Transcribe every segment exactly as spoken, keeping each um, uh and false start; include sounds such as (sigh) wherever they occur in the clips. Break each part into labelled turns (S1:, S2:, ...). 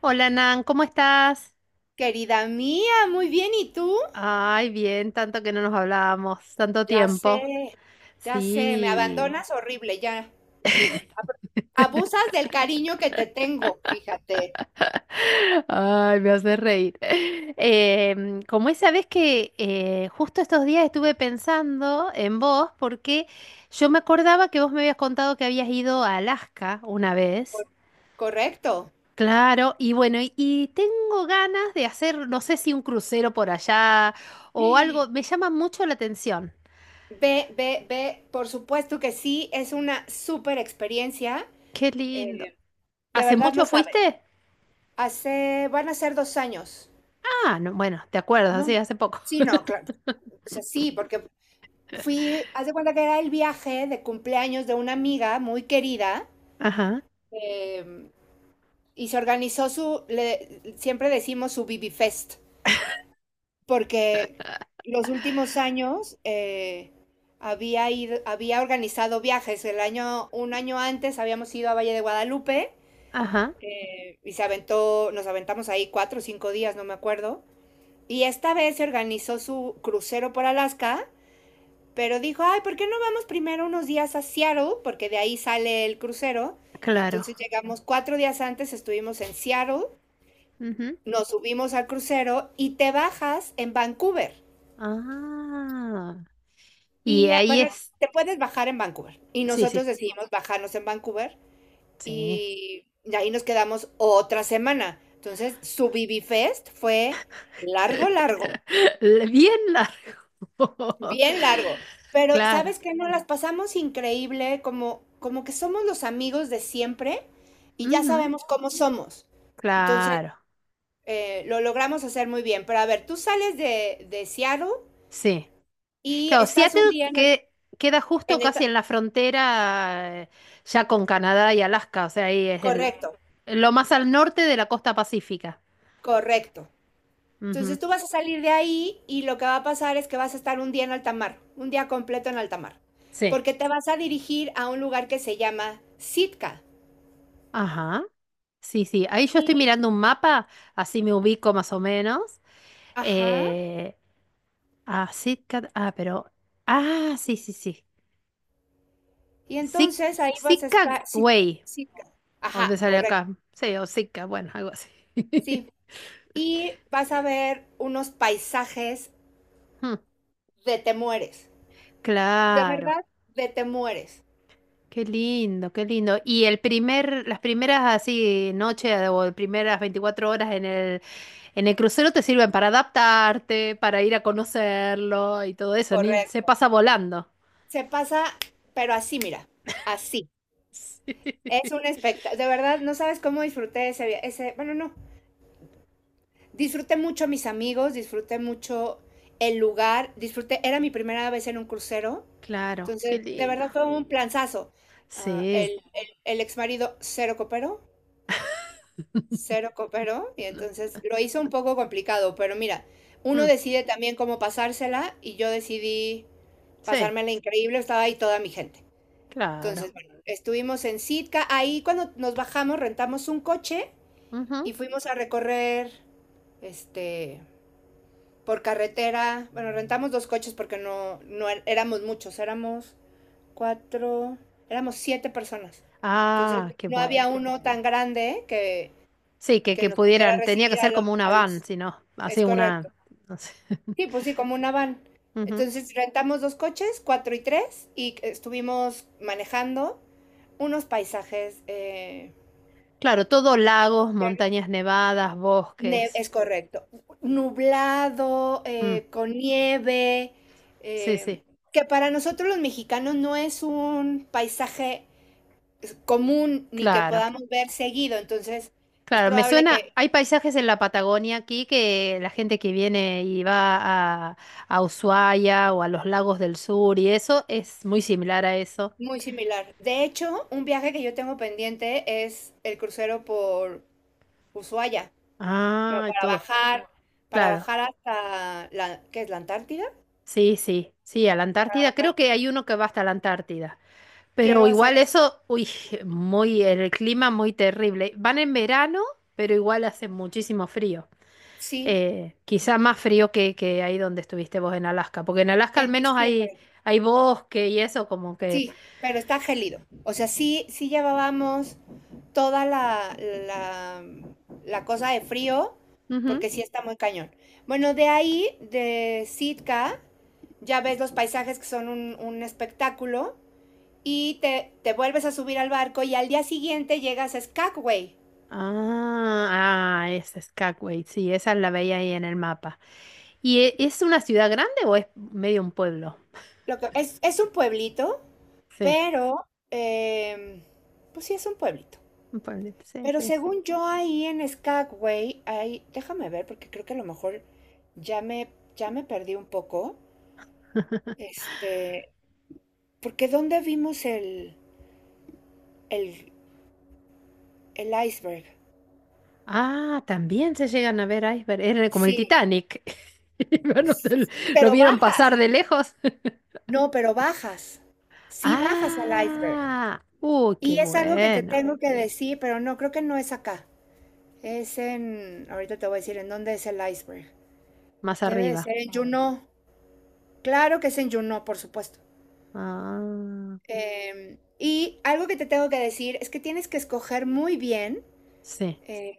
S1: Hola Nan, ¿cómo estás?
S2: Querida mía, muy bien, ¿y tú?
S1: Ay, bien, tanto que no nos hablábamos, tanto
S2: Ya sé,
S1: tiempo.
S2: ya sé, me
S1: Sí.
S2: abandonas horrible, ya. Ab- Abusas del cariño que te tengo, fíjate.
S1: (laughs) Ay, me hace reír. (laughs) Em, como esa vez que eh, justo estos días estuve pensando en vos, porque yo me acordaba que vos me habías contado que habías ido a Alaska una vez.
S2: Cor- Correcto.
S1: Claro, y bueno, y, y tengo ganas de hacer, no sé si un crucero por allá o algo,
S2: Ve,
S1: me llama mucho la atención.
S2: ve, ve, por supuesto que sí, es una súper experiencia.
S1: Qué lindo.
S2: eh, de
S1: ¿Hace
S2: verdad
S1: mucho
S2: no sabes.
S1: fuiste?
S2: Hace, van a ser dos años.
S1: Ah, no, bueno, te acuerdas,
S2: No,
S1: sí, hace poco.
S2: sí,
S1: (laughs)
S2: no, claro. O sea, sí, porque fui, haz de cuenta que era el viaje de cumpleaños de una amiga muy querida.
S1: Ajá,
S2: em, y se organizó su, le, siempre decimos su be be Fest, porque los últimos años eh, había, ido, había organizado viajes. El año, un año antes habíamos ido a Valle de Guadalupe,
S1: ajá,
S2: eh, y se aventó, nos aventamos ahí cuatro o cinco días, no me acuerdo. Y esta vez se organizó su crucero por Alaska, pero dijo, ay, ¿por qué no vamos primero unos días a Seattle? Porque de ahí sale el crucero. Y
S1: claro.
S2: entonces llegamos cuatro días antes, estuvimos en Seattle,
S1: Ujú.
S2: nos subimos al crucero y te bajas en Vancouver.
S1: Ah, y
S2: Y ah,
S1: ahí
S2: bueno,
S1: es.
S2: te puedes bajar en Vancouver. Y
S1: Sí,
S2: nosotros
S1: sí,
S2: decidimos bajarnos en Vancouver
S1: sí.
S2: y de ahí nos quedamos otra semana. Entonces, su be be fue largo, largo,
S1: (laughs) Le- Bien largo.
S2: bien
S1: (laughs)
S2: largo. Pero,
S1: Claro,
S2: ¿sabes qué? Nos las pasamos increíble, como, como que somos los amigos de siempre y ya
S1: ujú,
S2: sabemos cómo somos. Entonces,
S1: claro,
S2: eh, lo logramos hacer muy bien. Pero a ver, tú sales de, de, Seattle
S1: sí.
S2: y
S1: Claro,
S2: estás
S1: Seattle
S2: un día en el.
S1: que queda justo
S2: En
S1: casi
S2: esta,
S1: en la frontera eh, ya con Canadá y Alaska, o sea, ahí es el,
S2: correcto,
S1: lo más al norte de la costa pacífica.
S2: correcto.
S1: Ujú,
S2: Entonces tú vas a salir de ahí y lo que va a pasar es que vas a estar un día en alta mar, un día completo en alta mar,
S1: sí.
S2: porque te vas a dirigir a un lugar que se llama Sitka.
S1: Ajá. Sí, sí, ahí yo estoy
S2: Y,
S1: mirando un mapa, así me ubico más o menos.
S2: ajá,
S1: Eh, ah, Sitka- ah, pero, ah, sí, sí, sí.
S2: y
S1: Sic-
S2: entonces ahí vas a
S1: Sitka
S2: estar, sí,
S1: Way,
S2: Sitka.
S1: o me
S2: Ajá,
S1: sale acá,
S2: correcto,
S1: sí, o Sitka, bueno, algo así. (laughs)
S2: sí. Y vas a ver unos paisajes
S1: Hmm,
S2: de te mueres, de
S1: claro,
S2: verdad, de te mueres,
S1: qué lindo, qué lindo. Y el primer, las primeras así noches o las primeras veinticuatro horas en el, en el crucero te sirven para adaptarte, para ir a conocerlo y todo eso, ni, se
S2: correcto.
S1: pasa volando.
S2: Se pasa, pero así, mira, así.
S1: (laughs)
S2: Es
S1: Sí.
S2: un espectáculo, de verdad, no sabes cómo disfruté ese viaje, ese, bueno, no, disfruté mucho a mis amigos, disfruté mucho el lugar, disfruté, era mi primera vez en un crucero,
S1: Claro, qué
S2: entonces, de
S1: lindo.
S2: verdad fue un planzazo. Ah, el,
S1: Sí.
S2: el, el ex marido cero cooperó,
S1: (laughs)
S2: cero cooperó, y
S1: No.
S2: entonces lo hizo un poco complicado, pero mira, uno
S1: Mm,
S2: decide también cómo pasársela, y yo decidí
S1: sí,
S2: pasármela increíble, estaba ahí toda mi gente.
S1: claro.
S2: Entonces, bueno, estuvimos en Sitka, ahí cuando nos bajamos rentamos un coche
S1: Ujú.
S2: y fuimos a recorrer este por carretera. Bueno, rentamos dos coches porque no, no er- éramos muchos, éramos cuatro, éramos siete personas. Entonces
S1: Ah, qué
S2: no
S1: bueno.
S2: había uno tan grande que,
S1: Sí, que,
S2: que
S1: que
S2: nos pudiera
S1: pudieran, tenía que
S2: recibir a
S1: ser
S2: los,
S1: como una
S2: a
S1: van,
S2: los...
S1: si no,
S2: Es
S1: así
S2: correcto.
S1: una, no sé. (laughs)
S2: Sí, pues sí, como una van.
S1: Ujú.
S2: Entonces rentamos dos coches, cuatro y tres, y estuvimos manejando unos paisajes eh,
S1: Claro, todo lagos, montañas nevadas,
S2: Ne-
S1: bosques.
S2: es correcto. Nublado,
S1: Mm,
S2: eh, con nieve,
S1: sí,
S2: eh,
S1: sí,
S2: que para nosotros los mexicanos no es un paisaje es, común ni que
S1: claro.
S2: podamos ver seguido, entonces es
S1: Claro, me
S2: probable
S1: suena,
S2: que
S1: hay paisajes en la Patagonia aquí que la gente que viene y va a, a, Ushuaia o a los lagos del sur y eso es muy similar a eso.
S2: muy similar. De hecho, un viaje que yo tengo pendiente es el crucero por Ushuaia, bueno,
S1: Ah, y
S2: para
S1: todo.
S2: bajar, para
S1: Claro.
S2: bajar hasta la, ¿qué es la Antártida?
S1: Sí, sí, sí, a la
S2: Para
S1: Antártida.
S2: bajar,
S1: Creo que hay uno que va hasta la Antártida. Pero
S2: quiero hacer
S1: igual
S2: eso.
S1: eso, uy, (laughs) muy, el clima muy terrible. Van en verano, pero igual hace muchísimo frío.
S2: Sí,
S1: Eh, quizá más frío que, que ahí donde estuviste vos en Alaska, porque en Alaska al
S2: en
S1: menos hay,
S2: diciembre.
S1: hay bosque y eso como que...
S2: Sí, pero está gélido. O sea, sí, sí llevábamos toda la, la, la, cosa de frío,
S1: Ujú.
S2: porque sí está muy cañón. Bueno, de ahí, de Sitka, ya ves los paisajes que son un, un, espectáculo, y te, te vuelves a subir al barco y al día siguiente llegas a Skagway.
S1: Ah, ah, es Skagway, sí, esa la veía ahí en el mapa. ¿Y e- es una ciudad grande o es medio un pueblo?
S2: Lo que, es, es un pueblito,
S1: Sí.
S2: pero, em, pues sí es un pueblito.
S1: Un pueblito, sí,
S2: Pero
S1: sí.
S2: según yo ahí en Skagway, ahí, déjame ver porque creo que a lo mejor ya me, ya me perdí un poco. Este, porque ¿dónde vimos el, el, el iceberg?
S1: Ah, también se llegan a ver iceberg. Era como el
S2: Sí,
S1: Titanic. (laughs) Y bueno, te lo lo
S2: pero
S1: vieron pasar
S2: bajas.
S1: de lejos. (laughs)
S2: No, pero bajas. Sí bajas al iceberg.
S1: Ah, uy, qué
S2: Y es algo que te
S1: bueno.
S2: tengo que decir, pero no, creo que no es acá. Es en, ahorita te voy a decir en dónde es el iceberg.
S1: Más
S2: Debe de
S1: arriba.
S2: ser en Juneau. Claro que es en Juneau, por supuesto.
S1: Ah,
S2: Eh, y algo que te tengo que decir es que tienes que escoger muy bien,
S1: sí,
S2: eh,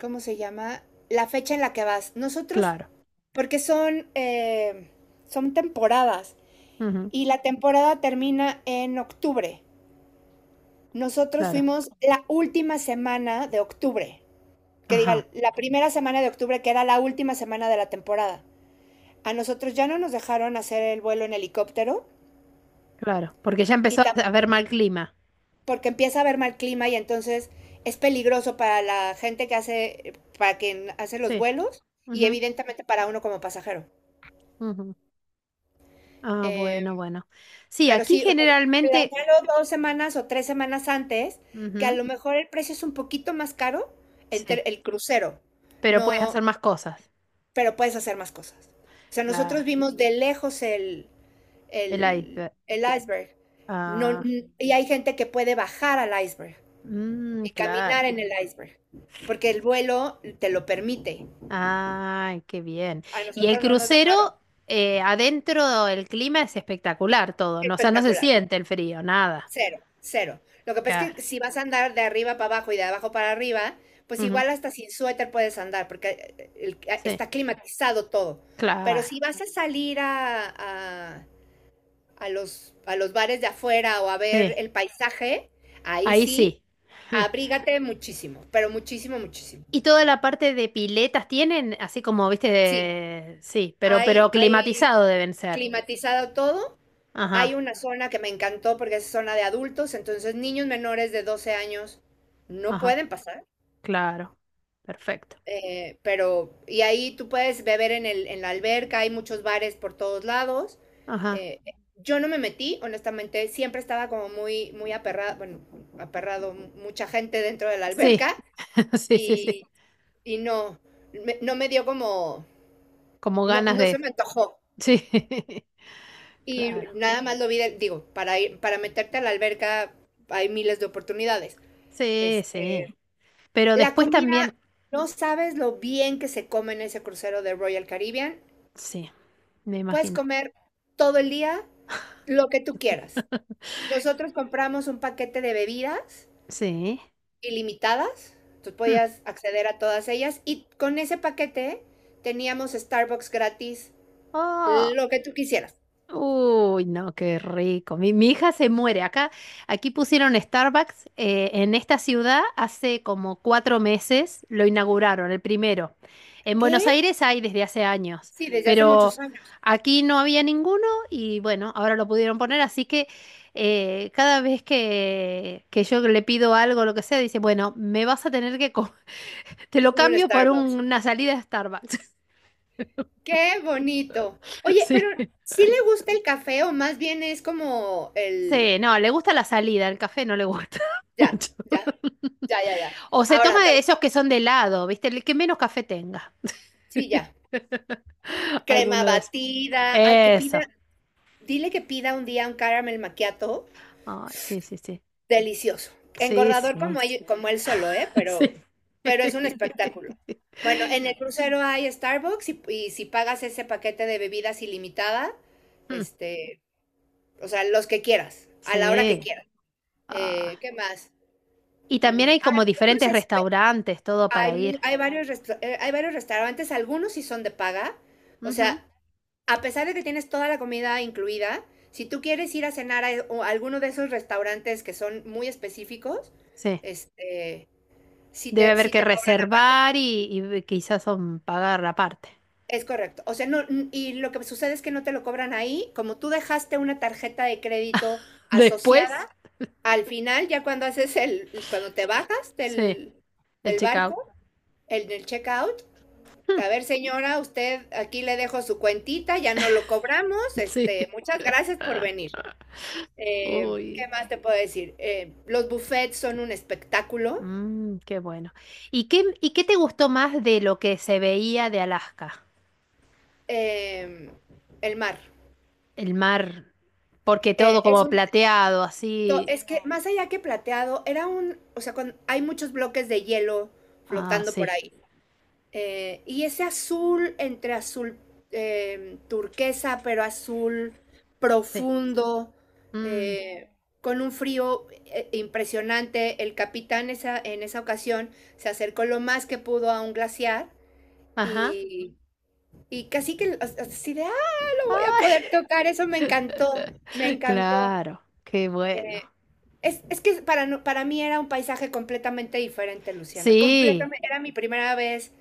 S2: ¿cómo se llama? La fecha en la que vas. Nosotros,
S1: claro.
S2: porque son, eh, son temporadas
S1: Ujú,
S2: y la temporada termina en octubre. Nosotros
S1: claro.
S2: fuimos la última semana de octubre, que diga,
S1: Ajá,
S2: la primera semana de octubre, que era la última semana de la temporada. A nosotros ya no nos dejaron hacer el vuelo en helicóptero
S1: claro. Porque ya
S2: y
S1: empezó a haber mal clima.
S2: porque empieza a haber mal clima y entonces es peligroso para la gente que hace, para quien hace los
S1: Sí.
S2: vuelos y
S1: Ujú,
S2: evidentemente para uno como pasajero.
S1: ujú. Ah, bueno,
S2: Eh,
S1: bueno. Sí,
S2: pero
S1: aquí
S2: sí, o sea,
S1: generalmente.
S2: planealo dos semanas o tres semanas antes, que a
S1: Ujú,
S2: lo mejor el precio es un poquito más caro entre
S1: sí.
S2: el crucero,
S1: Pero puedes
S2: no,
S1: hacer más cosas.
S2: pero puedes hacer más cosas. O sea,
S1: Claro.
S2: nosotros vimos de lejos el,
S1: El
S2: el,
S1: iceberg.
S2: el iceberg. No,
S1: Ah.
S2: y hay gente que puede bajar al iceberg,
S1: Mm,
S2: y
S1: claro.
S2: caminar en el iceberg, porque el vuelo te lo permite.
S1: Ay, qué bien.
S2: A
S1: Y el
S2: nosotros no nos dejaron.
S1: crucero, eh, adentro el clima es espectacular todo, ¿no? O sea, no se
S2: Espectacular.
S1: siente el frío, nada.
S2: Cero, cero. Lo que pasa es
S1: Claro.
S2: que si vas a andar de arriba para abajo y de abajo para arriba, pues
S1: Ujú.
S2: igual hasta sin suéter puedes andar, porque eh, el- eh,
S1: Sí,
S2: está climatizado todo. Pero
S1: claro.
S2: si vas a salir a, a- a los, a los bares de afuera o a ver
S1: Sí,
S2: el paisaje, ahí
S1: ahí
S2: sí,
S1: sí.
S2: abrígate muchísimo, pero muchísimo, muchísimo.
S1: Y toda la parte de piletas tienen, así como, viste,
S2: Sí,
S1: de- sí, pero,
S2: hay,
S1: pero
S2: hay
S1: climatizado deben ser.
S2: climatizado todo. Hay
S1: Ajá,
S2: una zona que me encantó porque es zona de adultos, entonces niños menores de doce años no
S1: ajá,
S2: pueden pasar,
S1: claro. Perfecto.
S2: eh, pero y ahí tú puedes beber en el, en la alberca, hay muchos bares por todos lados.
S1: Ajá.
S2: eh, yo no me metí, honestamente, siempre estaba como muy, muy aperrado, bueno, aperrado, mu- mucha gente dentro de la
S1: Sí,
S2: alberca
S1: (laughs) sí, sí, sí.
S2: y, y no, me- no me dio como,
S1: Como
S2: no,
S1: ganas
S2: no se
S1: de...
S2: me antojó.
S1: Sí, (laughs)
S2: Y
S1: claro.
S2: nada más lo vi, de- digo, para ir, para meterte a la alberca hay miles de oportunidades.
S1: Sí,
S2: Este,
S1: sí. Pero
S2: la
S1: después
S2: comida,
S1: también,
S2: no sabes lo bien que se come en ese crucero de Royal Caribbean.
S1: sí, me
S2: Puedes
S1: imagino.
S2: comer todo el día lo que tú quieras. Nosotros compramos un paquete de bebidas
S1: Sí.
S2: ilimitadas, tú
S1: Mm.
S2: podías acceder a todas ellas y con ese paquete teníamos Starbucks gratis,
S1: Ah,
S2: lo que tú quisieras.
S1: uy, no, qué rico. Mi, mi hija se muere. Acá, aquí pusieron Starbucks eh, en esta ciudad hace como cuatro meses, lo inauguraron, el primero. En Buenos
S2: ¿Qué?
S1: Aires hay desde hace años,
S2: Sí, desde hace
S1: pero
S2: muchos años
S1: aquí no había ninguno y bueno, ahora lo pudieron poner, así que eh, cada vez que, que yo le pido algo, lo que sea, dice, bueno, me vas a tener que comer. Te lo
S2: hubo un
S1: cambio por un-
S2: Starbucks.
S1: una salida a Starbucks.
S2: ¡Qué bonito!
S1: (laughs)
S2: Oye, pero
S1: Sí.
S2: ¿sí le gusta el café o más bien es como el.
S1: Sí, no, le gusta la salida, el café no le gusta (laughs)
S2: Ya,
S1: mucho.
S2: ya, ya, ya, ya.
S1: O se
S2: Ahora,
S1: toma
S2: te-
S1: de esos que son de helado, ¿viste? El que menos café tenga.
S2: sí, ya.
S1: (laughs)
S2: Crema
S1: Alguno de esos.
S2: batida. Ay, que pida.
S1: Eso.
S2: Dile que pida un día un caramel macchiato.
S1: Ay, sí, sí, sí.
S2: Delicioso.
S1: Sí,
S2: Engordador
S1: sí.
S2: como, ell- como él
S1: (laughs)
S2: solo, ¿eh? Pero,
S1: Sí.
S2: pero es un espectáculo. Bueno, en el crucero hay Starbucks y, y si pagas ese paquete de bebidas ilimitada,
S1: Mm,
S2: este, o sea, los que quieras, a la hora que
S1: sí.
S2: quieras.
S1: Ah.
S2: Eh, ¿qué más?
S1: Y también
S2: Mm,
S1: hay
S2: ahora,
S1: como
S2: unos
S1: diferentes
S2: espe-
S1: restaurantes, todo
S2: hay,
S1: para
S2: mu-
S1: ir.
S2: hay varios resta- eh, hay varios restaurantes, algunos sí son de paga. O
S1: Ujú.
S2: sea, a pesar de que tienes toda la comida incluida, si tú quieres ir a cenar a, a alguno de esos restaurantes que son muy específicos,
S1: Sí.
S2: este, si
S1: Debe
S2: te,
S1: haber
S2: si
S1: que
S2: te cobran aparte.
S1: reservar y, y, quizás son pagar aparte.
S2: Es correcto. O sea, no, n- y lo que sucede es que no te lo cobran ahí. Como tú dejaste una tarjeta de crédito
S1: Después,
S2: asociada, al final, ya cuando haces el, cuando te bajas
S1: sí,
S2: del,
S1: el
S2: del
S1: checkout.
S2: barco, el del checkout, a ver,
S1: (laughs)
S2: señora, usted aquí le dejo su cuentita, ya no lo cobramos.
S1: Sí.
S2: Este, muchas gracias por venir. Eh,
S1: Uy,
S2: ¿Qué más te puedo decir? Eh, los buffets son un espectáculo.
S1: mm, qué bueno. ¿Y qué, y qué te gustó más de lo que se veía de Alaska?
S2: Eh, el mar.
S1: El mar, porque
S2: Eh,
S1: todo
S2: es
S1: como
S2: un,
S1: plateado,
S2: to-
S1: así.
S2: es que más allá que plateado, era un, o sea, cuando, hay muchos bloques de hielo
S1: Ah,
S2: flotando
S1: sí,
S2: por ahí. Eh, y ese azul entre azul eh, turquesa, pero azul
S1: sí.
S2: profundo,
S1: Mm,
S2: eh, con un frío eh, impresionante. El capitán esa, en esa ocasión se acercó lo más que pudo a un glaciar,
S1: ajá.
S2: y Y casi que as- así de, ah, lo voy a
S1: (laughs)
S2: poder tocar, eso me encantó, me encantó.
S1: Claro, qué bueno.
S2: Es, es que para, no- para mí era un paisaje completamente diferente, Luciana,
S1: Sí,
S2: completamente, era mi primera vez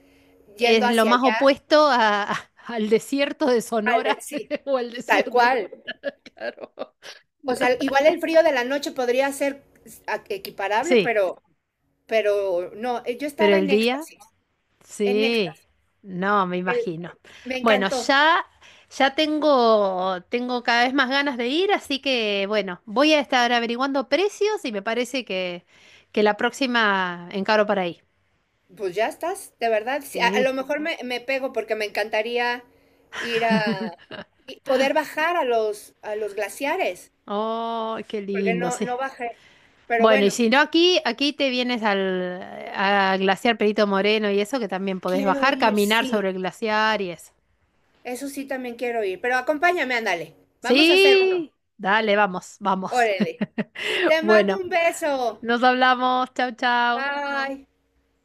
S2: yendo
S1: es lo
S2: hacia
S1: más
S2: allá,
S1: opuesto a- a- al desierto de
S2: al de-
S1: Sonora
S2: sí,
S1: (laughs) o al
S2: tal
S1: desierto,
S2: cual.
S1: claro.
S2: O sea, igual el frío de la noche podría ser s- a- equiparable,
S1: Sí,
S2: pero, pero no, eh, yo
S1: pero
S2: estaba
S1: el
S2: en
S1: día.
S2: éxtasis, en
S1: Sí,
S2: éxtasis,
S1: no, me
S2: el-
S1: imagino.
S2: me
S1: Bueno,
S2: encantó.
S1: ya, ya tengo, tengo cada vez más ganas de ir, así que bueno, voy a estar averiguando precios y me parece que, que la próxima encaro para ahí.
S2: Pues ya estás, de verdad. Sí, a, a
S1: Sí.
S2: lo mejor me, me pego porque me encantaría ir a y poder bajar a los a los glaciares,
S1: Oh, qué
S2: porque
S1: lindo,
S2: no
S1: sí.
S2: no bajé. Pero
S1: Bueno, y
S2: bueno,
S1: si no aquí, aquí te vienes al, a Glaciar Perito Moreno y eso, que también podés
S2: quiero
S1: bajar,
S2: ir,
S1: caminar
S2: sí.
S1: sobre el glaciar y eso.
S2: Eso sí también quiero ir, pero acompáñame, ándale. Vamos a hacer uno.
S1: Sí, dale, vamos, vamos.
S2: Órale.
S1: (laughs)
S2: Te mando
S1: Bueno,
S2: un beso.
S1: nos hablamos. Chau, chau.
S2: Bye.